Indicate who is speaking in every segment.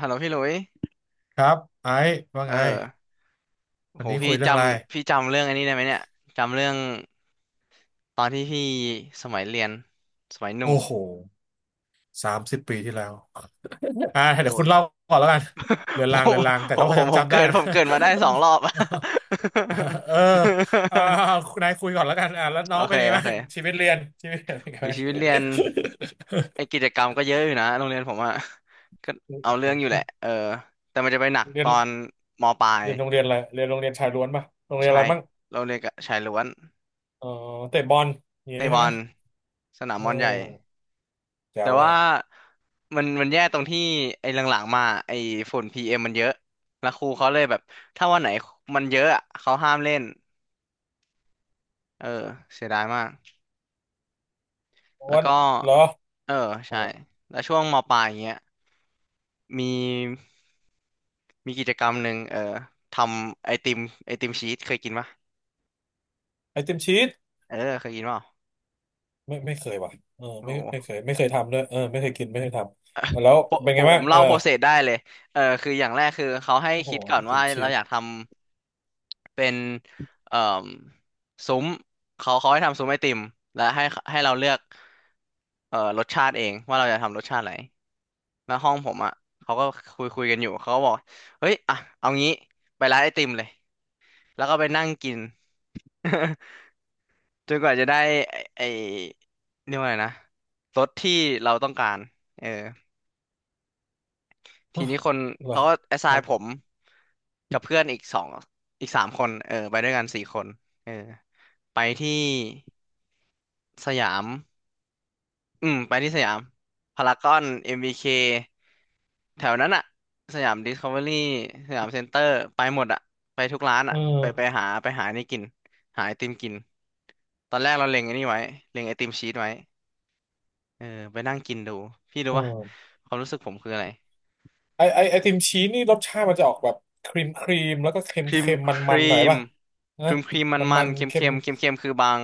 Speaker 1: ฮัลโหลพี่หลุย
Speaker 2: ครับ ไอ้ว่า
Speaker 1: เออ
Speaker 2: ไง วั
Speaker 1: โห
Speaker 2: นนี้
Speaker 1: พี่
Speaker 2: คุยเรื่
Speaker 1: จ
Speaker 2: องอะไร
Speaker 1: ำพี่จำเรื่องอันนี้ได้ไหมเนี่ย จำเรื่องตอนที่พี่สมัยเรียนสมัยหนุ่ม
Speaker 2: โอ้โห30 ปีที่แล้วอ่า
Speaker 1: โอ้
Speaker 2: เดี๋ยวคุ
Speaker 1: ย
Speaker 2: ณเล่าก่อนแล้วกัน เรื อน
Speaker 1: ผ
Speaker 2: ราง
Speaker 1: ม
Speaker 2: เรือนรางแต่
Speaker 1: ผ
Speaker 2: ก็
Speaker 1: ม
Speaker 2: พอ
Speaker 1: ผมผ
Speaker 2: จำ
Speaker 1: ม
Speaker 2: จำ
Speaker 1: เกิ
Speaker 2: ได้
Speaker 1: ด
Speaker 2: นะ
Speaker 1: ผมเกิดมาได้สองรอบ
Speaker 2: เอออ่าคุณนายคุยก่อนแล้วกันอ่าแล้ว
Speaker 1: โอ
Speaker 2: น้อง
Speaker 1: เค
Speaker 2: เป็นยังไง
Speaker 1: โอ
Speaker 2: บ้าง
Speaker 1: เค
Speaker 2: ชีวิตเรียนชีวิตเรียนเป็นยัง
Speaker 1: โอ้ย
Speaker 2: ไง
Speaker 1: ชีวิตเรียนไอกิจกรรมก็เยอะอยู่นะโรงเรียนผมอะก็เอาเรื่องอยู่แหละเออแต่มันจะไปหนัก
Speaker 2: เรี
Speaker 1: ต
Speaker 2: ยน
Speaker 1: อนมปลาย
Speaker 2: เรียนโรงเรียนอะไรเรียนโรงเรียนชายล้วนป่ะโรงเรียนอะ
Speaker 1: ชา
Speaker 2: ไร
Speaker 1: ย
Speaker 2: บ้าง
Speaker 1: เราเรียนกับชายล้วน
Speaker 2: อ๋อเตะบอลอย่าง
Speaker 1: ใน
Speaker 2: นี้
Speaker 1: บ
Speaker 2: ใช่
Speaker 1: อ
Speaker 2: ไหม
Speaker 1: ลสนา
Speaker 2: เ
Speaker 1: มบอลใหญ่
Speaker 2: ออแจ๋
Speaker 1: แต่
Speaker 2: วเล
Speaker 1: ว่า
Speaker 2: ย
Speaker 1: มันแย่ตรงที่ไอ้หลังๆมาไอ้ฝุ่นพีเอ็มมันเยอะแล้วครูเขาเลยแบบถ้าวันไหนมันเยอะอะเขาห้ามเล่นเออเสียดายมากแล้ว
Speaker 2: วัน
Speaker 1: ก็
Speaker 2: เหรอ
Speaker 1: เออ
Speaker 2: โอ้
Speaker 1: ใช่แล้วช่วงมปลายอย่างเงี้ยมีมีกิจกรรมหนึ่งเออทำไอติมไอติมชีสเคยกินปะ
Speaker 2: ไอติมชีส
Speaker 1: เออเคยกินเปล่า
Speaker 2: ไม่ไม่เคยว่ะเออ
Speaker 1: โอ้
Speaker 2: ไม่ไม่
Speaker 1: โห
Speaker 2: เคยไม่เคยทำด้วยเออไม่เคยกินไม่เคยทำแล้ว
Speaker 1: ผม
Speaker 2: เป็น
Speaker 1: ผ
Speaker 2: ไง
Speaker 1: มผ
Speaker 2: บ้า
Speaker 1: ม
Speaker 2: งเอ
Speaker 1: เล่า
Speaker 2: อ
Speaker 1: โปรเซสได้เลยเออคืออย่างแรกคือเขาให้
Speaker 2: โอ้โห
Speaker 1: คิดก่อ
Speaker 2: ไอ
Speaker 1: น
Speaker 2: ติ
Speaker 1: ว่า
Speaker 2: มชี
Speaker 1: เราอยาก
Speaker 2: ส
Speaker 1: ทำ เป็นเอ่อซุ้มเขาให้ทำซุ้มไอติมและให้เราเลือกเอ่อรสชาติเองว่าเราจะทำรสชาติอะไรแล้วห้องผมอ่ะเขาก็คุยกันอยู่เขาก็บอกเฮ้ยอ่ะเอางี้ไปร้านไอติมเลยแล้วก็ไปนั่งกิน จนกว่าจะได้ไอ้เรียกว่าอะไงนะรสที่เราต้องการเออที
Speaker 2: อ่ะ
Speaker 1: นี้คน
Speaker 2: เหรอ
Speaker 1: เขาก็แอสไซ
Speaker 2: ครั
Speaker 1: น์ผม
Speaker 2: บ
Speaker 1: กับเพื่อนอีกสามคนเออไปด้วยกันสี่คนเออไปที่ สยามอืมไปที่สยามพารากอนเอ็มบีเคแถวนั้นอะสยามดิสคัฟเวอรี่สยามเซ็นเตอร์ไปหมดอะไปทุกร้าน
Speaker 2: เอ
Speaker 1: อะไปไป
Speaker 2: อ
Speaker 1: หาไปหานี่กิน หาไอติมกิน ตอนแรกเราเล็งไอ้นี่ไว้เล็งไอติมชีสไว้เออไปนั่งกินดู พี่รู้
Speaker 2: เออ
Speaker 1: ป่ะความรู้สึกผมคืออะไร
Speaker 2: ไอติมชีสนี่รสชาติมันจะออกแบบครีมครีมแล้วก็เค็ม
Speaker 1: ครีม
Speaker 2: เค็ม
Speaker 1: ค
Speaker 2: มันมั
Speaker 1: รี
Speaker 2: นๆหน่อย
Speaker 1: ม
Speaker 2: ป่ะ
Speaker 1: ค
Speaker 2: นะ
Speaker 1: รีมครีมมัน
Speaker 2: มัน
Speaker 1: มั
Speaker 2: มั
Speaker 1: น
Speaker 2: น
Speaker 1: เค็ม
Speaker 2: เค็
Speaker 1: เค็
Speaker 2: ม
Speaker 1: มเค็มเค็มๆคือบาง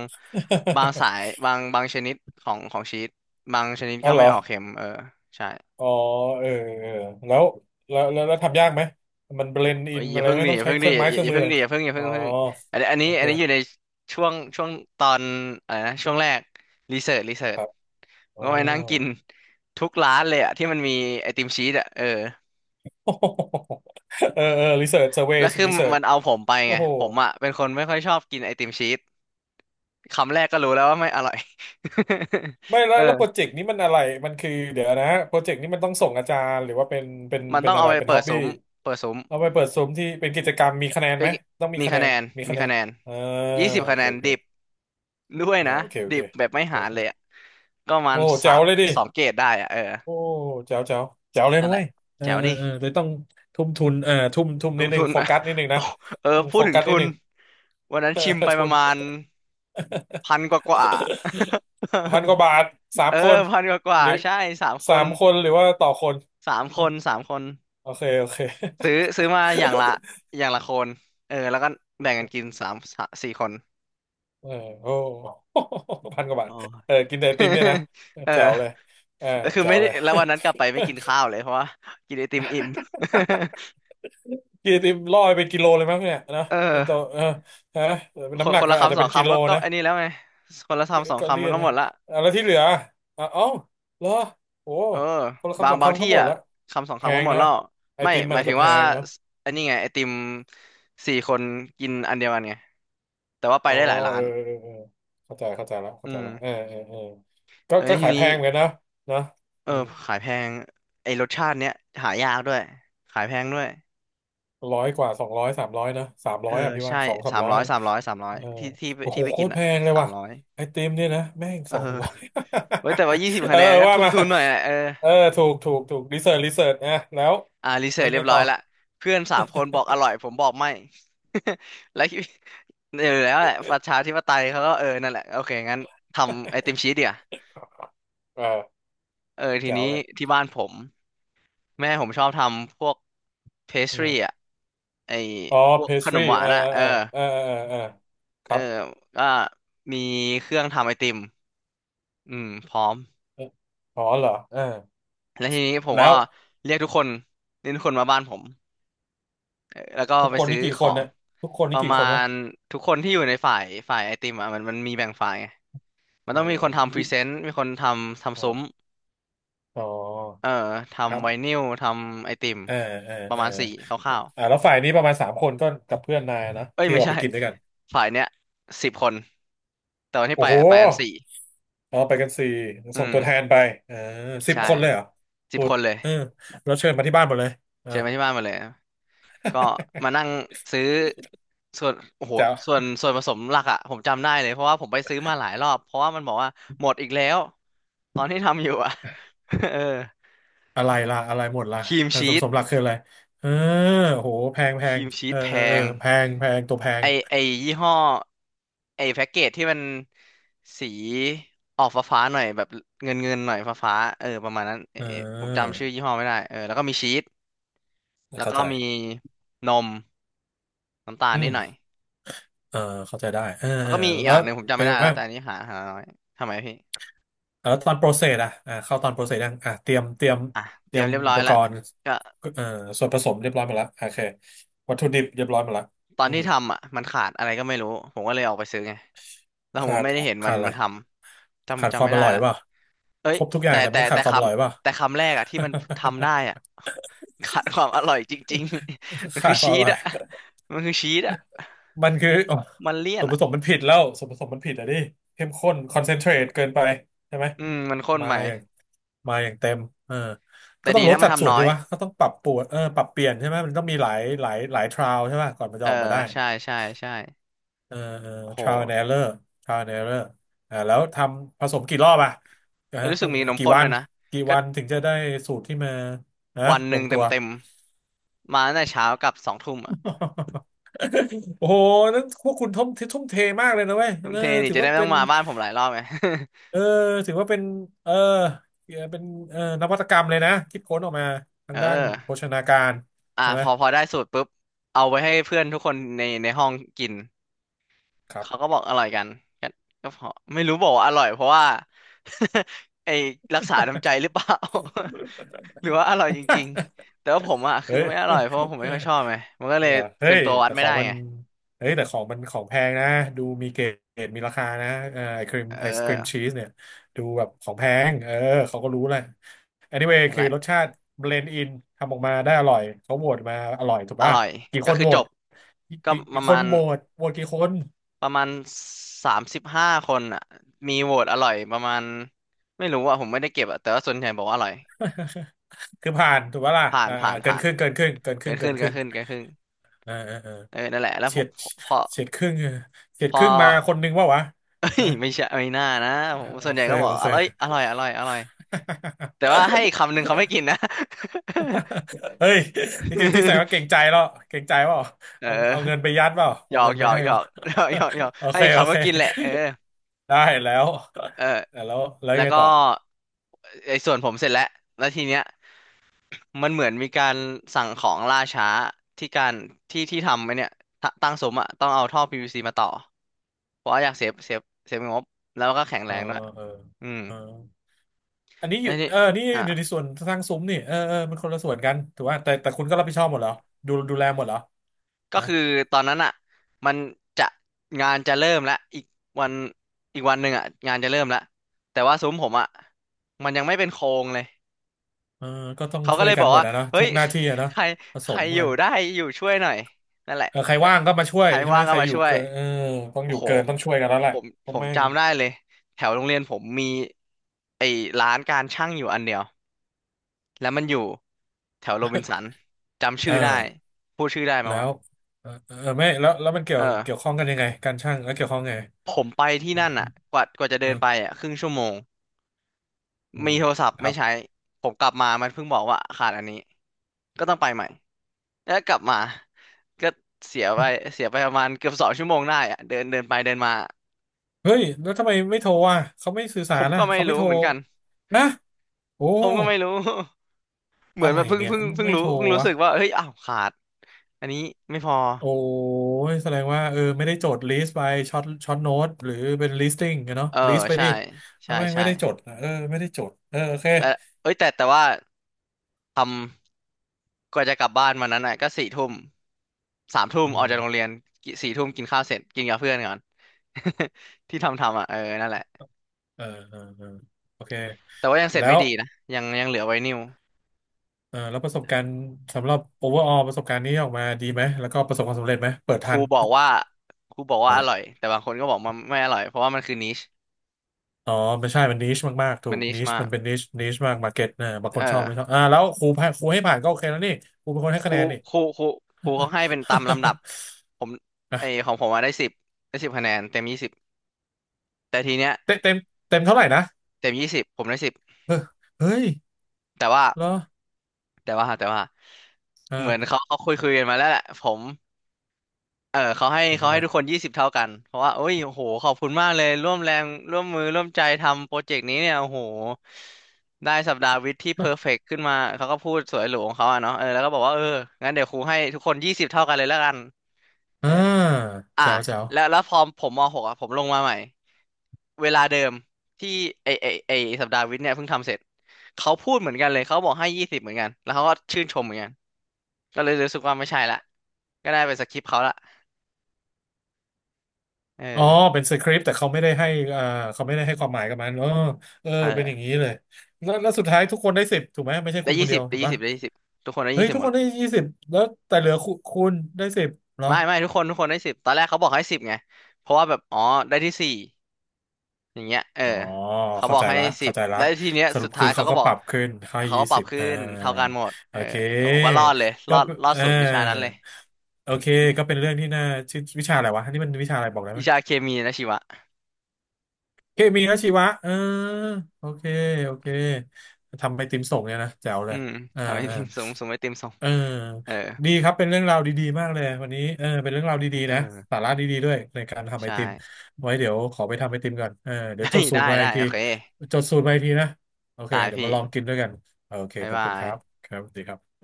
Speaker 1: บางสาย บางชนิดของชีสบางชนิด
Speaker 2: เอา
Speaker 1: ก็
Speaker 2: เหร
Speaker 1: ไม่
Speaker 2: อ
Speaker 1: ออกเค็มเออใช่
Speaker 2: อ๋อเออเออแล้วแล้วทำยากไหมมันเบลนด์
Speaker 1: โอ้
Speaker 2: อิ
Speaker 1: ย
Speaker 2: น
Speaker 1: อย่า
Speaker 2: อะไร
Speaker 1: เพิ่ง
Speaker 2: ไม่
Speaker 1: หนี
Speaker 2: ต้อ
Speaker 1: อ
Speaker 2: ง
Speaker 1: ย่า
Speaker 2: ใช้
Speaker 1: เพิ่ง
Speaker 2: เค
Speaker 1: หนี
Speaker 2: รื่องไม้
Speaker 1: อ
Speaker 2: เค
Speaker 1: ย่า
Speaker 2: รื่
Speaker 1: อ
Speaker 2: อง
Speaker 1: ย่า
Speaker 2: มือ
Speaker 1: เพิ่ง
Speaker 2: เล
Speaker 1: หนี
Speaker 2: ย
Speaker 1: อย่าเพิ่งอย่า
Speaker 2: อ๋
Speaker 1: เพิ่
Speaker 2: อ
Speaker 1: งอย่าเพิ่ง
Speaker 2: โอ
Speaker 1: อันนี้อยู่ใน
Speaker 2: เค
Speaker 1: ช่วงตอนอะไรนะช่วงแรกรีเสิร์ชรีเสิร์
Speaker 2: ค
Speaker 1: ช
Speaker 2: รับอ๋อ
Speaker 1: ก็ไปนั่งกินทุกร้านเลยอะที่มันมีไอติมชีสอะเออ
Speaker 2: โอ้โหเออเออรีเสิร์ชเซอร์เว
Speaker 1: แล้
Speaker 2: ย์
Speaker 1: วคือ
Speaker 2: รีเสิร์ช
Speaker 1: มันเอาผมไป
Speaker 2: โอ้
Speaker 1: ไง
Speaker 2: โห
Speaker 1: ผมอะเป็นคนไม่ค่อยชอบกินไอติมชีสคำแรกก็รู้แล้วว่าไม่อร่อย
Speaker 2: ไม่ แล้วแล้วโปร
Speaker 1: เออ
Speaker 2: เจกต์นี้มันอะไรมันคือเดี๋ยวนะโปรเจกต์นี้มันต้องส่งอาจารย์หรือว่าเป็นเป็น
Speaker 1: มัน
Speaker 2: เป็
Speaker 1: ต้
Speaker 2: น
Speaker 1: อง
Speaker 2: อะ
Speaker 1: เอา
Speaker 2: ไร
Speaker 1: ไป
Speaker 2: เป็นฮ
Speaker 1: เปิ
Speaker 2: อ
Speaker 1: ด
Speaker 2: บบี้
Speaker 1: ซุ้มเปิดซุ้ม
Speaker 2: เอาไปเปิดซุ้มที่เป็นกิจกรรมมีคะแนน
Speaker 1: ไป
Speaker 2: ไหม
Speaker 1: กิ
Speaker 2: ต้องมี
Speaker 1: มี
Speaker 2: คะแน
Speaker 1: คะแน
Speaker 2: น
Speaker 1: น
Speaker 2: มี
Speaker 1: มี
Speaker 2: คะแน
Speaker 1: คะ
Speaker 2: น
Speaker 1: แนน
Speaker 2: อ่า
Speaker 1: ยี่สิบ
Speaker 2: โอ
Speaker 1: คะ
Speaker 2: เค
Speaker 1: แนน
Speaker 2: โอเค
Speaker 1: ดิบด้วย
Speaker 2: อ่า
Speaker 1: นะ
Speaker 2: โอเคโอ
Speaker 1: ดิ
Speaker 2: เค
Speaker 1: บแบบไม่
Speaker 2: โอ
Speaker 1: หาร
Speaker 2: เค
Speaker 1: เลยอะก็ประมาณ
Speaker 2: โอ้โหแจ๋
Speaker 1: สา
Speaker 2: ว
Speaker 1: ม
Speaker 2: เลยดิ
Speaker 1: สองเกรดได้อะเออ
Speaker 2: โอ้แจ๋วแจ๋วแจ๋วเลย
Speaker 1: นั่น
Speaker 2: นุ้
Speaker 1: แหละ
Speaker 2: ยเออ
Speaker 1: แจ๋ว
Speaker 2: เออ
Speaker 1: นี่
Speaker 2: เออเลยต้องทุ่มทุนเออทุ่มทุ่ม
Speaker 1: ล
Speaker 2: นิ
Speaker 1: ง
Speaker 2: ดนึ
Speaker 1: ทุ
Speaker 2: ง
Speaker 1: น
Speaker 2: โฟ
Speaker 1: อ่ะ
Speaker 2: กัสนิดนึง
Speaker 1: โอ้
Speaker 2: นะ
Speaker 1: เออ
Speaker 2: ต้อง
Speaker 1: พูด
Speaker 2: โฟ
Speaker 1: ถึง
Speaker 2: กัสนิ
Speaker 1: ทุ
Speaker 2: ด
Speaker 1: น
Speaker 2: นึง
Speaker 1: วัน นั้น
Speaker 2: เออ
Speaker 1: ชิมไป
Speaker 2: ทุ
Speaker 1: ประ
Speaker 2: น
Speaker 1: มาณพันกว่า
Speaker 2: พันกว่าบาทสา
Speaker 1: เอ
Speaker 2: ม
Speaker 1: อ
Speaker 2: คน
Speaker 1: พันกว่า
Speaker 2: หรือ
Speaker 1: ใช่สามค
Speaker 2: สา
Speaker 1: น
Speaker 2: มคนหรือว่าต่อคน
Speaker 1: สามคน
Speaker 2: โอเคโอเค
Speaker 1: ซื้อมาอย่างละคนเออแล้วก็แบ่งกันกินสามสามสี่คน
Speaker 2: เออโอ้ พันกว่าบาท
Speaker 1: โอ้
Speaker 2: เออกินแต่ไอติมเนี่ยนะ
Speaker 1: เออ
Speaker 2: แจ๋วเลยเออ
Speaker 1: แล้วคือ
Speaker 2: แจ๋
Speaker 1: ไม่
Speaker 2: ว
Speaker 1: ได้
Speaker 2: เลย
Speaker 1: แล้ววันนั้นกลับไปไม่กินข้า วเลยเพราะว่ากินไอติมอิ่ม
Speaker 2: กินไอติมล่อไปเป็นกิโลเลยมั้งเนี่ยนะ
Speaker 1: เอ
Speaker 2: ไอ
Speaker 1: อ
Speaker 2: ตัวเออฮะ
Speaker 1: ค
Speaker 2: น้ำ
Speaker 1: น
Speaker 2: หนั
Speaker 1: ค
Speaker 2: ก
Speaker 1: นละ
Speaker 2: อาจ
Speaker 1: คำ
Speaker 2: จะ
Speaker 1: สอ
Speaker 2: เป็
Speaker 1: ง
Speaker 2: นกิ
Speaker 1: คำ
Speaker 2: โล
Speaker 1: ก็
Speaker 2: นะ
Speaker 1: อันนี้แล้วไงคนละ
Speaker 2: ก็
Speaker 1: คำสอง
Speaker 2: ก็
Speaker 1: คำ
Speaker 2: เลี่
Speaker 1: มัน
Speaker 2: ยน
Speaker 1: ก็หม
Speaker 2: นะ
Speaker 1: ดละ
Speaker 2: เอาแล้วที่เหลืออ่ะเอ้าเหรอโอ้
Speaker 1: เออ
Speaker 2: คนละ
Speaker 1: บา
Speaker 2: คำ
Speaker 1: ง
Speaker 2: สอง
Speaker 1: บาง
Speaker 2: คำก็
Speaker 1: ที่
Speaker 2: หมด
Speaker 1: อ่ะ
Speaker 2: ละ
Speaker 1: คำสอง
Speaker 2: แพ
Speaker 1: คำก็
Speaker 2: ง
Speaker 1: หมด
Speaker 2: นะ
Speaker 1: แล้ว
Speaker 2: ไอ
Speaker 1: ไม่
Speaker 2: ติมมั
Speaker 1: ห
Speaker 2: น
Speaker 1: มาย
Speaker 2: อาจ
Speaker 1: ถึ
Speaker 2: จะ
Speaker 1: ง
Speaker 2: แพ
Speaker 1: ว่า
Speaker 2: งเนาะ
Speaker 1: สอันนี้ไงไอติมสี่คนกินอันเดียวกันไงแต่ว่าไป
Speaker 2: อ๋อ
Speaker 1: ได้หลายร้า
Speaker 2: เออ
Speaker 1: น
Speaker 2: เออเออเข้าใจเข้าใจแล้ว
Speaker 1: อื
Speaker 2: เข้าใจ
Speaker 1: ม
Speaker 2: แล้วเออเออเออก็
Speaker 1: เอ้ย
Speaker 2: ก็
Speaker 1: ที
Speaker 2: ขายแพ
Speaker 1: นี้
Speaker 2: งเหมือนกันนะนะ
Speaker 1: เออ
Speaker 2: อืม
Speaker 1: ขายแพงไอรสชาติเนี้ยหายากด้วยขายแพงด้วย
Speaker 2: ร้อยกว่า200สามร้อยนะสาม
Speaker 1: เอ
Speaker 2: ร้อ
Speaker 1: อ
Speaker 2: ยอ่ะพี่ว่า
Speaker 1: ใช่
Speaker 2: สองสามร้อย
Speaker 1: สามร้อ
Speaker 2: เอ
Speaker 1: ย
Speaker 2: อ
Speaker 1: ที่ที่ไป
Speaker 2: โอ้โห
Speaker 1: ที่ไป
Speaker 2: โค
Speaker 1: กิน
Speaker 2: ตรแพ
Speaker 1: อ่ะ
Speaker 2: งเลย
Speaker 1: สาม
Speaker 2: ว่ะ
Speaker 1: ร้อย
Speaker 2: ไอติมเนี่ยนะแม่ง
Speaker 1: เอ
Speaker 2: ส
Speaker 1: อ
Speaker 2: องสามร้อย
Speaker 1: เว้ยแต่ว่ายี่สิบ
Speaker 2: เอ
Speaker 1: คะ
Speaker 2: อ
Speaker 1: แนนก็
Speaker 2: ว่า
Speaker 1: ทุ่ม
Speaker 2: มา
Speaker 1: ทุนหน่อยอะเออ
Speaker 2: เออถูกถูกถูกรีเสิร์ชรีเสิร์ชอ่ะแล้ว
Speaker 1: อ่ารี
Speaker 2: แล้
Speaker 1: เสิ
Speaker 2: ว
Speaker 1: ร์ช
Speaker 2: ยัง
Speaker 1: เรี
Speaker 2: ไง
Speaker 1: ยบร้
Speaker 2: ต่
Speaker 1: อ
Speaker 2: อ
Speaker 1: ยละเพื่อนสามคนบอกอร่อยผมบอกไม่ แลว เออแล้วแหละประชาธิปไตยเขาก็เออนั่นแหละโอเคงั้นทำไอติมชีสเดี๋ยวา
Speaker 2: เออ
Speaker 1: เออที
Speaker 2: แจ๋ว
Speaker 1: นี้
Speaker 2: เลย
Speaker 1: ที่บ้านผมแม่ผมชอบทำพวกเพส
Speaker 2: อื
Speaker 1: ทรี
Speaker 2: ม
Speaker 1: อ่ะไอ
Speaker 2: อ๋อ
Speaker 1: พว
Speaker 2: เพ
Speaker 1: ก
Speaker 2: ส
Speaker 1: ข
Speaker 2: ท
Speaker 1: น
Speaker 2: รี
Speaker 1: มหวา
Speaker 2: เอ
Speaker 1: น
Speaker 2: อ
Speaker 1: อ่ะเอ
Speaker 2: เออ
Speaker 1: อ
Speaker 2: เออเออเออเออค
Speaker 1: เอ
Speaker 2: รั
Speaker 1: อ
Speaker 2: บ
Speaker 1: ก็มีเครื่องทำไอติมอืมพร้อม
Speaker 2: เอออ๋อเหรอเออ
Speaker 1: แล้วทีนี้ผม
Speaker 2: แล้
Speaker 1: ก็
Speaker 2: ว
Speaker 1: เรียกทุกคนเรียกทุกคนมาบ้านผมเออแล้วก็
Speaker 2: ทุก
Speaker 1: ไป
Speaker 2: คน
Speaker 1: ซื้
Speaker 2: นี่
Speaker 1: อ
Speaker 2: กี่
Speaker 1: ข
Speaker 2: ค
Speaker 1: อ
Speaker 2: น
Speaker 1: ง
Speaker 2: เนี่ยทุกคน
Speaker 1: ป
Speaker 2: นี่
Speaker 1: ระ
Speaker 2: กี่
Speaker 1: มา
Speaker 2: คนวะ
Speaker 1: ณทุกคนที่อยู่ในฝ่ายไอติมอ่ะมันมีแบ่งฝ่ายไงมัน
Speaker 2: อ๋อ
Speaker 1: ต้องมีคนทำพรี
Speaker 2: ยี่
Speaker 1: เซนต์มีคนทำ
Speaker 2: อ๋
Speaker 1: ทำ
Speaker 2: อ
Speaker 1: ซุ้ม
Speaker 2: อ๋อ
Speaker 1: เออ
Speaker 2: ครั
Speaker 1: ทำไว
Speaker 2: บ
Speaker 1: นิลทำไอติม
Speaker 2: เออเออ
Speaker 1: ประ
Speaker 2: เออ
Speaker 1: มาณสี่คร่าว
Speaker 2: อ่าแล้วฝ่ายนี้ประมาณสามคนก็กับเพื่อนนายนะ
Speaker 1: ๆเอ้ย
Speaker 2: ที่
Speaker 1: ไม่
Speaker 2: ออก
Speaker 1: ใช่
Speaker 2: ไปกินด้วยกัน
Speaker 1: ฝ่ายเนี้ย10 คนแต่วันที่
Speaker 2: โอ้
Speaker 1: ไป
Speaker 2: โห
Speaker 1: อะไปกันสี่
Speaker 2: อ๋อไปกันสี่
Speaker 1: อื
Speaker 2: ส่งตัวแทน
Speaker 1: ม
Speaker 2: ไปเออสิบ
Speaker 1: ใช่
Speaker 2: คนเลยเหรอ
Speaker 1: สิบ
Speaker 2: พู
Speaker 1: ค
Speaker 2: ด
Speaker 1: นเลย
Speaker 2: เออแล้วเชิญมาที่บ้านหมดเลยอ่า
Speaker 1: เชิญมาที่บ้านหมาเลยก็มานั่งซื้อส่วนโอ้โห
Speaker 2: จะ
Speaker 1: ส่วนผสมหลักอะผมจำได้เลยเพราะว่าผมไปซื้อมาหลายรอบเพราะว่ามันบอกว่าหมดอีกแล้วตอนที่ทำอยู่อะ เออ
Speaker 2: อะไรล่ะอะไรหมดล่ะ
Speaker 1: ครีม
Speaker 2: เออส
Speaker 1: ชี
Speaker 2: ม
Speaker 1: ส
Speaker 2: สมหลักคืออะไรเออโอ้โหแพงแพ
Speaker 1: ครี
Speaker 2: ง
Speaker 1: มชี
Speaker 2: เอ
Speaker 1: ส
Speaker 2: อ
Speaker 1: แพ
Speaker 2: เออเออ
Speaker 1: ง
Speaker 2: แพงแพงตัวแพง
Speaker 1: ไอไอยี่ห้อไอแพ็กเกจที่มันสีออกฟ้าๆหน่อยแบบเงินเงินหน่อยฟ้าๆเออประมาณนั้นเออ
Speaker 2: เ
Speaker 1: ผม
Speaker 2: ออ
Speaker 1: จำชื่อยี่ห้อไม่ได้เออแล้วก็มีชีสแล้ว
Speaker 2: เข้า
Speaker 1: ก็
Speaker 2: ใจ
Speaker 1: มีนมน้ำตาล
Speaker 2: อื
Speaker 1: นิดหน่อย
Speaker 2: มเออเข้าใจได้เออ
Speaker 1: แล้ว
Speaker 2: เออ
Speaker 1: ก็มีอีกอ
Speaker 2: แล้
Speaker 1: ย่าง
Speaker 2: ว
Speaker 1: หนึ่งผมจำ
Speaker 2: เป็น
Speaker 1: ไม่
Speaker 2: ไง
Speaker 1: ได้แล้ว
Speaker 2: บ้าง
Speaker 1: แต่อันนี้หาหน่อยทำไมพี่
Speaker 2: เออตอนโปรเซสอะอ่าเข้าตอนโปรเซสยังอ่ะเตรียมเตรียม
Speaker 1: อ่ะเต
Speaker 2: เตรี
Speaker 1: รีย
Speaker 2: ย
Speaker 1: ม
Speaker 2: ม
Speaker 1: เรียบ
Speaker 2: อุ
Speaker 1: ร้อย
Speaker 2: ปก
Speaker 1: ละ
Speaker 2: รณ์
Speaker 1: ก็
Speaker 2: เอ่อส่วนผสมเรียบร้อยหมดละโอเควัตถุดิบเรียบร้อยหมดละ
Speaker 1: ตอน
Speaker 2: อืม
Speaker 1: ที่ทำอ่ะมันขาดอะไรก็ไม่รู้ผมก็เลยออกไปซื้อไงแล้วผม
Speaker 2: ขา
Speaker 1: ก็
Speaker 2: ด
Speaker 1: ไม่ได้เห็นมั
Speaker 2: ขา
Speaker 1: น
Speaker 2: ดอะไร
Speaker 1: มันทำ
Speaker 2: ขาด
Speaker 1: จำ
Speaker 2: ค
Speaker 1: จำ
Speaker 2: วาม
Speaker 1: ไม่
Speaker 2: อ
Speaker 1: ได้
Speaker 2: ร่อย
Speaker 1: ละ
Speaker 2: เปล่ะ
Speaker 1: เอ้
Speaker 2: ค
Speaker 1: ย
Speaker 2: รบทุกอย่า
Speaker 1: แต่
Speaker 2: งแต่
Speaker 1: แต่
Speaker 2: ไม่ขา
Speaker 1: แต่
Speaker 2: ดค
Speaker 1: ค
Speaker 2: วามอร่อยเปล่ะ
Speaker 1: แต่คำแรกอะที่มันทำได้อะ ขาดความอร่อยจริงๆ มั น
Speaker 2: ขา
Speaker 1: คือ
Speaker 2: ดค
Speaker 1: ชี
Speaker 2: วามอ
Speaker 1: ส
Speaker 2: ร่อย
Speaker 1: อะมันคือชีสอะ
Speaker 2: มันคืออ๋อ
Speaker 1: มันเลี่ย
Speaker 2: ส่
Speaker 1: น
Speaker 2: วนผ
Speaker 1: อะ
Speaker 2: สมมันผิดแล้วส่วนผสมมันผิดอะดิเข้มข้นคอนเซนเทรตเกินไปใช่ไหม
Speaker 1: อืมมันข้น
Speaker 2: มา
Speaker 1: ไป
Speaker 2: อย่างมาอย่างเต็มเออก็
Speaker 1: แต่
Speaker 2: ต้อ
Speaker 1: ดี
Speaker 2: งลด
Speaker 1: นะมัน
Speaker 2: สัดส่
Speaker 1: ทำ
Speaker 2: วน
Speaker 1: น้อ
Speaker 2: ดี
Speaker 1: ย
Speaker 2: วะก็ต้องปรับปวดเออปรับเปลี่ยนใช่ไหมมันต้องมีหลายหลายหลายทราวใช่ไหมก่อนมัน
Speaker 1: เอ
Speaker 2: จะ
Speaker 1: อ
Speaker 2: ออกมาได้
Speaker 1: ใช่ใช่ใช่
Speaker 2: เออเออ
Speaker 1: โห
Speaker 2: trial and error trial and error อ่าแล้วทำผสมกี่รอบอ่ะนะ
Speaker 1: เอ้ย
Speaker 2: ฮะ
Speaker 1: รู้สึกมีนม
Speaker 2: กี่
Speaker 1: ข้น
Speaker 2: วั
Speaker 1: ด้ว
Speaker 2: น
Speaker 1: ยนะ
Speaker 2: กี่
Speaker 1: ก็
Speaker 2: วันถึงจะได้สูตรที่มานะ
Speaker 1: วันห
Speaker 2: ล
Speaker 1: นึ่ง
Speaker 2: ง
Speaker 1: เ
Speaker 2: ตัว
Speaker 1: ต็มๆมมาตั้งแต่เช้ากับสองทุ่มอะ
Speaker 2: โอ้โห นั้นพวกคุณทุ่มทุ่มเทมากเลยนะเว้ย
Speaker 1: ทุ่ม
Speaker 2: เออ
Speaker 1: เทนี่
Speaker 2: ถือ
Speaker 1: จะได้
Speaker 2: ว่า
Speaker 1: ไม่
Speaker 2: เป็
Speaker 1: ต้อ
Speaker 2: น
Speaker 1: งมาบ้านผมหลายรอบไง
Speaker 2: เออถือว่าเป็นเออเป็นเออนวัตกรรมเลยนะคิดค้นออกมาทา
Speaker 1: เ
Speaker 2: งด้านโภ
Speaker 1: ออ
Speaker 2: ชนาการ
Speaker 1: อ่ะ
Speaker 2: ใช่ไหม
Speaker 1: พอได้สูตรปุ๊บเอาไปให้เพื่อนทุกคนในห้องกิน
Speaker 2: ครับ
Speaker 1: เขาก็บอกอร่อยกันก็ก็พอไม่รู้บอกว่าอร่อยเพราะว่า ไอ้รักษาน้ำใจหรือเปล่า หรือว่าอร่อยจริง ๆแต่ว่าผมอ่ะ
Speaker 2: เฮ้
Speaker 1: คือ
Speaker 2: ย
Speaker 1: ไม่อร่อยเพราะว่าผมไม่ค่อยชอบไงมันก็เลย
Speaker 2: เหรอเฮ้
Speaker 1: เป็น
Speaker 2: ย
Speaker 1: ตัววัด
Speaker 2: แต่
Speaker 1: ไม่
Speaker 2: ขอ
Speaker 1: ได้
Speaker 2: งมัน
Speaker 1: ไง
Speaker 2: เฮ้ยแต่ของมันของแพงนะดูมีเกรดมีราคานะเอ่อไอครีม
Speaker 1: เอ
Speaker 2: ไอศครีมชี
Speaker 1: อ
Speaker 2: สเนี่ยดูแบบของแพงเออเขาก็รู้แหละ anyway
Speaker 1: นั่นแห
Speaker 2: คือ
Speaker 1: ละ
Speaker 2: รสชาติ blend in ทำออกมาได้อร่อยเขาโหวตมาอร่อยถูก
Speaker 1: อ
Speaker 2: ป่ะ
Speaker 1: ร่อย
Speaker 2: กี่
Speaker 1: ก็
Speaker 2: คน
Speaker 1: คื
Speaker 2: โห
Speaker 1: อ
Speaker 2: ว
Speaker 1: จ
Speaker 2: ต
Speaker 1: บ
Speaker 2: กี
Speaker 1: ก็
Speaker 2: ่
Speaker 1: ป
Speaker 2: กี่
Speaker 1: ระ
Speaker 2: คน
Speaker 1: มาณ
Speaker 2: โหวตโหวตกี่คน
Speaker 1: ประมาณ35 คนอ่ะมีโหวตอร่อยประมาณไม่รู้อ่ะผมไม่ได้เก็บอ่ะแต่ว่าส่วนใหญ่บอกว่าอร่อย
Speaker 2: คือผ่านถูกป่ะล่ะ
Speaker 1: ผ่าน
Speaker 2: อ่า
Speaker 1: ผ่าน
Speaker 2: เกิน
Speaker 1: ผ่าน
Speaker 2: ครึ่งเกินครึ่งเกินค
Speaker 1: เกิ
Speaker 2: รึ่ง
Speaker 1: น
Speaker 2: เกิ
Speaker 1: ขึ้
Speaker 2: น
Speaker 1: น
Speaker 2: ค
Speaker 1: เกิ
Speaker 2: รึ่
Speaker 1: น
Speaker 2: ง
Speaker 1: ขึ้นเกินขึ้น
Speaker 2: อ่าอเอา
Speaker 1: เออนั่นแหละแล้วผ
Speaker 2: เฉีย
Speaker 1: ม
Speaker 2: ด
Speaker 1: พอ
Speaker 2: เฉียดครึ่งเออเฉียด
Speaker 1: พอ
Speaker 2: ครึ่งมาคนนึงว่าวะ
Speaker 1: เอ้ย
Speaker 2: นะ
Speaker 1: ไม่ใช่ไม่น่านะผม
Speaker 2: โอ
Speaker 1: ส่วนใหญ่
Speaker 2: เค
Speaker 1: ก็บอ
Speaker 2: โอ
Speaker 1: กอ
Speaker 2: เค
Speaker 1: ร่อยอร่อยอร่อยอร่อยแต่ว่าให้อีกคำหนึ่งเขาไม่กินนะ
Speaker 2: เฮ้ยนี่เกมที่แสดงว่าเก่งใจแล้วเก่งใจเปล่า
Speaker 1: เอ
Speaker 2: เอาเอาเงิน
Speaker 1: อ
Speaker 2: ไปยัดเปล่า
Speaker 1: หย
Speaker 2: เอา
Speaker 1: อก
Speaker 2: เงิน
Speaker 1: หย
Speaker 2: ไป
Speaker 1: อก
Speaker 2: ให้
Speaker 1: หย
Speaker 2: เป
Speaker 1: อ
Speaker 2: ล่า
Speaker 1: กหยอก หยอกหยอก
Speaker 2: โอ
Speaker 1: ให้
Speaker 2: เค
Speaker 1: อีก
Speaker 2: โอ
Speaker 1: คำก็
Speaker 2: เค
Speaker 1: กินแหละเออ
Speaker 2: ได้แล้วแต่
Speaker 1: เออ
Speaker 2: แล้วแล้ว
Speaker 1: แล้
Speaker 2: ยัง
Speaker 1: ว
Speaker 2: ไง
Speaker 1: ก็
Speaker 2: ต่อ
Speaker 1: ไอ้ส่วนผมเสร็จแล้วแล้วทีเนี้ยมันเหมือนมีการสั่งของล่าช้าที่การที่ที่ทำไอ้เนี่ยตตั้งสมอะต้องเอาท่อพีวีซีมาต่อเพราะว่าอยากเซฟงบแล้วก็แข็ง
Speaker 2: เอ
Speaker 1: แร
Speaker 2: อ
Speaker 1: งด้วย
Speaker 2: เออ
Speaker 1: อืม
Speaker 2: เอออันนี้อ
Speaker 1: แล้ว
Speaker 2: ยู่
Speaker 1: ทีนี่
Speaker 2: นี่
Speaker 1: อ่ะ
Speaker 2: อยู่ในส่วนสร้างซุ้มนี่เออเออมันคนละส่วนกันถือว่าแต่คุณก็รับผิดชอบหมดเหรอดูดูแลหมดเหรอ
Speaker 1: ก็
Speaker 2: นะ
Speaker 1: คือตอนนั้นอ่ะมันจะงานจะเริ่มแล้ววันอีกวันหนึ่งอ่ะงานจะเริ่มแล้วแต่ว่าซุ้มผมอ่ะมันยังไม่เป็นโครงเลย
Speaker 2: เออก็ต้อง
Speaker 1: เขาก็
Speaker 2: ช่ว
Speaker 1: เล
Speaker 2: ย
Speaker 1: ย
Speaker 2: กั
Speaker 1: บ
Speaker 2: น
Speaker 1: อก
Speaker 2: หมด
Speaker 1: ว่า
Speaker 2: อะเนาะ
Speaker 1: เฮ้
Speaker 2: ทุ
Speaker 1: ย
Speaker 2: กหน้าที่อะเนาะ
Speaker 1: ใคร
Speaker 2: ผ
Speaker 1: ใค
Speaker 2: ส
Speaker 1: ร
Speaker 2: ม
Speaker 1: อ
Speaker 2: กั
Speaker 1: ยู่
Speaker 2: น
Speaker 1: ได้อยู่ช่วยหน่อยนั่นแหละ
Speaker 2: เออใคร
Speaker 1: ก็
Speaker 2: ว่างก็มาช่ว
Speaker 1: ใค
Speaker 2: ย
Speaker 1: ร
Speaker 2: ใช่ไห
Speaker 1: ว่า
Speaker 2: ม
Speaker 1: งก็
Speaker 2: ใคร
Speaker 1: มา
Speaker 2: อยู่
Speaker 1: ช่วย
Speaker 2: เกินเออต้อง
Speaker 1: โอ้
Speaker 2: อยู่
Speaker 1: โห
Speaker 2: เกินต้องช่วยกันแล้วแห
Speaker 1: ผ
Speaker 2: ละ
Speaker 1: ม
Speaker 2: เพ
Speaker 1: ผ
Speaker 2: ราะ
Speaker 1: ม
Speaker 2: แม่ง
Speaker 1: จำได้เลยแถวโรงเรียนผมมีไอ้ร้านการช่างอยู่อันเดียวแล้วมันอยู่แถวโรบินสันจำ
Speaker 2: เอ
Speaker 1: ชื่
Speaker 2: อ
Speaker 1: อได้พูดชื่อได้ไหม
Speaker 2: แล้
Speaker 1: วะ
Speaker 2: วเออเออไม่แล้วแล้วมันเกี่ย
Speaker 1: เอ
Speaker 2: ว
Speaker 1: อ
Speaker 2: เกี่ยวข้องกันยังไงการช่างแล้วเกี่ยวข้องไง
Speaker 1: ผมไปที่นั่นอ่ะกว่าจะเดินไป
Speaker 2: อ่ะ
Speaker 1: อ่ะครึ่งชั่วโมง
Speaker 2: อื
Speaker 1: มี
Speaker 2: ม
Speaker 1: โทรศัพท์
Speaker 2: ค
Speaker 1: ไม่
Speaker 2: รับ
Speaker 1: ใช้ผมกลับมามันเพิ่งบอกว่าขาดอันนี้ก็ต้องไปใหม่แล้วกลับมาก็เสียไปประมาณเกือบ2 ชั่วโมงได้อ่ะเดินเดินไปเดินมา
Speaker 2: เฮ้ยแล้วทำไมไม่โทรอ่ะเขาไม่สื่อ
Speaker 1: ผ
Speaker 2: สาร
Speaker 1: ม
Speaker 2: นะ
Speaker 1: ก็ไม่
Speaker 2: เขาไม่
Speaker 1: รู้
Speaker 2: โทร
Speaker 1: เหมือนกัน
Speaker 2: นะโอ้
Speaker 1: ผมก็ไม่รู้ เหมื
Speaker 2: อะ
Speaker 1: อน
Speaker 2: ไร
Speaker 1: แบบ
Speaker 2: เนี่ยไม่โทร
Speaker 1: เพิ่งรู้
Speaker 2: วะ
Speaker 1: สึกว่าเฮ้ยอ้าวขาดอันนี้ไม่พอ
Speaker 2: โอ้ยแสดงว่าเออไม่ได้จดลิสต์ไปช็อตโน้ตหรือเป็น listing กันเนาะ
Speaker 1: เออ
Speaker 2: ลิสต์ไป
Speaker 1: ใช่
Speaker 2: ดิ
Speaker 1: ใช่ใช่
Speaker 2: ไม่ได้จดนะเออไม่ได้จดเออโอเค
Speaker 1: แต่เอ้ยแต่ว่าทำกว่าจะกลับบ้านวันนั้นอ่ะก็สี่ทุ่มสามทุ่ม
Speaker 2: อื
Speaker 1: ออกจากโร
Speaker 2: ม
Speaker 1: งเรียนกี่สี่ทุ่มกินข้าวเสร็จกินกับเพื่อนก่อน ที่ทำอ่ะเออนั่นแหละ
Speaker 2: เออเออเออโอเค
Speaker 1: แต่ว่ายังเสร็จ
Speaker 2: แล้
Speaker 1: ไม่
Speaker 2: ว
Speaker 1: ดีนะยังยังเหลือไวนิล
Speaker 2: อ่าแล้วประสบการณ์สำหรับ overall ประสบการณ์นี้ออกมาดีไหมแล้วก็ประสบความสำเร็จไหมเปิด
Speaker 1: ค
Speaker 2: ทั
Speaker 1: รู
Speaker 2: น
Speaker 1: บอกว่าครูบอกว่าอ
Speaker 2: นะ
Speaker 1: ร่อยแต่บางคนก็บอกมันไม่อร่อยเพราะว่ามันคือนิช
Speaker 2: อ๋อไม่ใช่มันนิชมากๆถู
Speaker 1: มัน
Speaker 2: ก
Speaker 1: นิช
Speaker 2: นิช
Speaker 1: มา
Speaker 2: มั
Speaker 1: ก
Speaker 2: นเป็นนิชมากมาเก็ตนะบางค
Speaker 1: เออ
Speaker 2: นชอบไม่ชอบอ่าแล้วครูผ่านครูให้ผ่านก็โอเคแล้วนี่ครูเป็นคนให้
Speaker 1: ค
Speaker 2: คะ
Speaker 1: รู
Speaker 2: แนนนี่
Speaker 1: ครูครูครูเขาให้เป็นตามลำดับ ผมไอ
Speaker 2: อ่ะ
Speaker 1: ของผมอะได้10 คะแนนเต็มยี่สิบแต่ทีเนี้ย
Speaker 2: เต็มเต็มเต็มเท่าไหร่นะ
Speaker 1: เต็มยี่สิบผมได้สิบ
Speaker 2: เออเฮ้ย
Speaker 1: แต่ว่า
Speaker 2: เหรอ
Speaker 1: แต่ว่าเหมือน
Speaker 2: อ่า
Speaker 1: เขาคุยคุยกันมาแล้วแหละผม เออ
Speaker 2: ผม
Speaker 1: เขา
Speaker 2: ว่า
Speaker 1: ให้
Speaker 2: ไง
Speaker 1: ทุกคนยี่สิบเท่ากันเพราะว่าโอ้ยโอ้โหขอบคุณมากเลยร่วมแรงร่วมมือร่วมใจทำโปรเจกต์นี้เนี่ยโอ้โหได้สัปดาห์วิทย์ที่เพอร์เฟกต์ขึ้นมาเขาก็พูดสวยหรูของเขาอะเนาะเออแล้วก็บอกว่าเอองั้นเดี๋ยวครูให้ทุกคนยี่สิบเท่ากันเลยแล้วกันเอ
Speaker 2: อ่า
Speaker 1: ออ่ะ
Speaker 2: แจ๋วแจ๋ว
Speaker 1: แล้วพอผมมหกอะผมลงมาใหม่เวลาเดิมที่ไอสัปดาห์วิทย์เนี่ยเพิ่งทำเสร็จเขาพูดเหมือนกันเลยเขาบอกให้ยี่สิบเหมือนกันแล้วเขาก็ชื่นชมเหมือนกันก็เลยรู้สึกว่าไม่ใช่ละก็ได้ไปสคริปต์เขาละเอ
Speaker 2: อ๋อ
Speaker 1: อ
Speaker 2: เป็นสคริปต์แต่เขาไม่ได้ให้อ่าเขาไม่ได้ให้ความหมายกับมันเออเออเป็นอย่าง
Speaker 1: เอ
Speaker 2: นี้
Speaker 1: อ
Speaker 2: เลยแล้วแล้วสุดท้ายทุกคนได้สิบถูกไหมไม่ใช่
Speaker 1: ได้
Speaker 2: คุณค
Speaker 1: ยี่
Speaker 2: นเดี
Speaker 1: สิ
Speaker 2: ย
Speaker 1: บ
Speaker 2: วถู
Speaker 1: ได้
Speaker 2: ก
Speaker 1: ยี่
Speaker 2: ปะ
Speaker 1: สิบได้20ทุกคนได้
Speaker 2: เฮ้ย
Speaker 1: ยี่สิบ
Speaker 2: ทุ
Speaker 1: ห
Speaker 2: ก
Speaker 1: มด
Speaker 2: คน
Speaker 1: เลย
Speaker 2: ได้ยี่สิบแล้วแต่เหลือคุณได้สิบเหรอ
Speaker 1: ไม่ทุกคนได้สิบตอนแรกเขาบอกให้สิบไงเพราะว่าแบบอ๋อได้ที่สี่อย่างเงี้ยเออ
Speaker 2: อ๋อ
Speaker 1: เขาบ
Speaker 2: เข้า
Speaker 1: อก
Speaker 2: ใจ
Speaker 1: ให้
Speaker 2: ละ
Speaker 1: สิ
Speaker 2: เข้า
Speaker 1: บ
Speaker 2: ใจละ
Speaker 1: แล้วทีเนี้ย
Speaker 2: สรุ
Speaker 1: สุ
Speaker 2: ป
Speaker 1: ดท้า
Speaker 2: คือ
Speaker 1: ยเขา
Speaker 2: เขา
Speaker 1: ก็
Speaker 2: ก็
Speaker 1: บอ
Speaker 2: ป
Speaker 1: ก
Speaker 2: รับขึ้นให้
Speaker 1: เขา
Speaker 2: ยี่
Speaker 1: ก็ปรั
Speaker 2: สิ
Speaker 1: บ
Speaker 2: บ
Speaker 1: ขึ้
Speaker 2: อ่า
Speaker 1: นเท่ากันหมดเอ
Speaker 2: โอ
Speaker 1: อ
Speaker 2: เค
Speaker 1: ผมก็รอดเลยร
Speaker 2: ก็
Speaker 1: อดรอ
Speaker 2: เอ
Speaker 1: ด
Speaker 2: อ
Speaker 1: ศูนย์วิชานั้นเลย
Speaker 2: โอเคก็เป็นเรื่องที่น่าชื่อวิชาอะไรวะอันนี้มันวิชาอะไรบอกได้ไหม
Speaker 1: วิชาเคมีนะชีวะ
Speaker 2: เคมีและชีวะเออโอเคโอเคทำไปติมส่งเนี่ยนะแจ๋วเล
Speaker 1: อื
Speaker 2: ย
Speaker 1: ม
Speaker 2: อ่า
Speaker 1: ทำไอ
Speaker 2: อ่า
Speaker 1: ติมสูงสูงไอติมส่ง
Speaker 2: เออ
Speaker 1: เออ
Speaker 2: ดีครับ เป็นเรื่องราวดีๆมากเลยวันนี้เออเป็นเรื่องราวดี
Speaker 1: เอ
Speaker 2: ๆนะ
Speaker 1: อ
Speaker 2: สาระดีๆด้วยในการทำไอ
Speaker 1: ใช
Speaker 2: ติม
Speaker 1: ่
Speaker 2: ไว้เดี๋ยวขอไปทำไอติมก่อนเออ เดี๋ย
Speaker 1: ได้
Speaker 2: วจดสู
Speaker 1: ได้
Speaker 2: ตรมา
Speaker 1: ได้
Speaker 2: อีกที
Speaker 1: โอเค
Speaker 2: จดสูตรมาอีกทีนะโอเค
Speaker 1: ตาย
Speaker 2: เดี๋ยวมา
Speaker 1: พี่
Speaker 2: ลองกินด้วยกันโอเค
Speaker 1: บ๊าย
Speaker 2: ขอบ
Speaker 1: บา
Speaker 2: คุณค
Speaker 1: ย
Speaker 2: รับครับสวัสดีครับ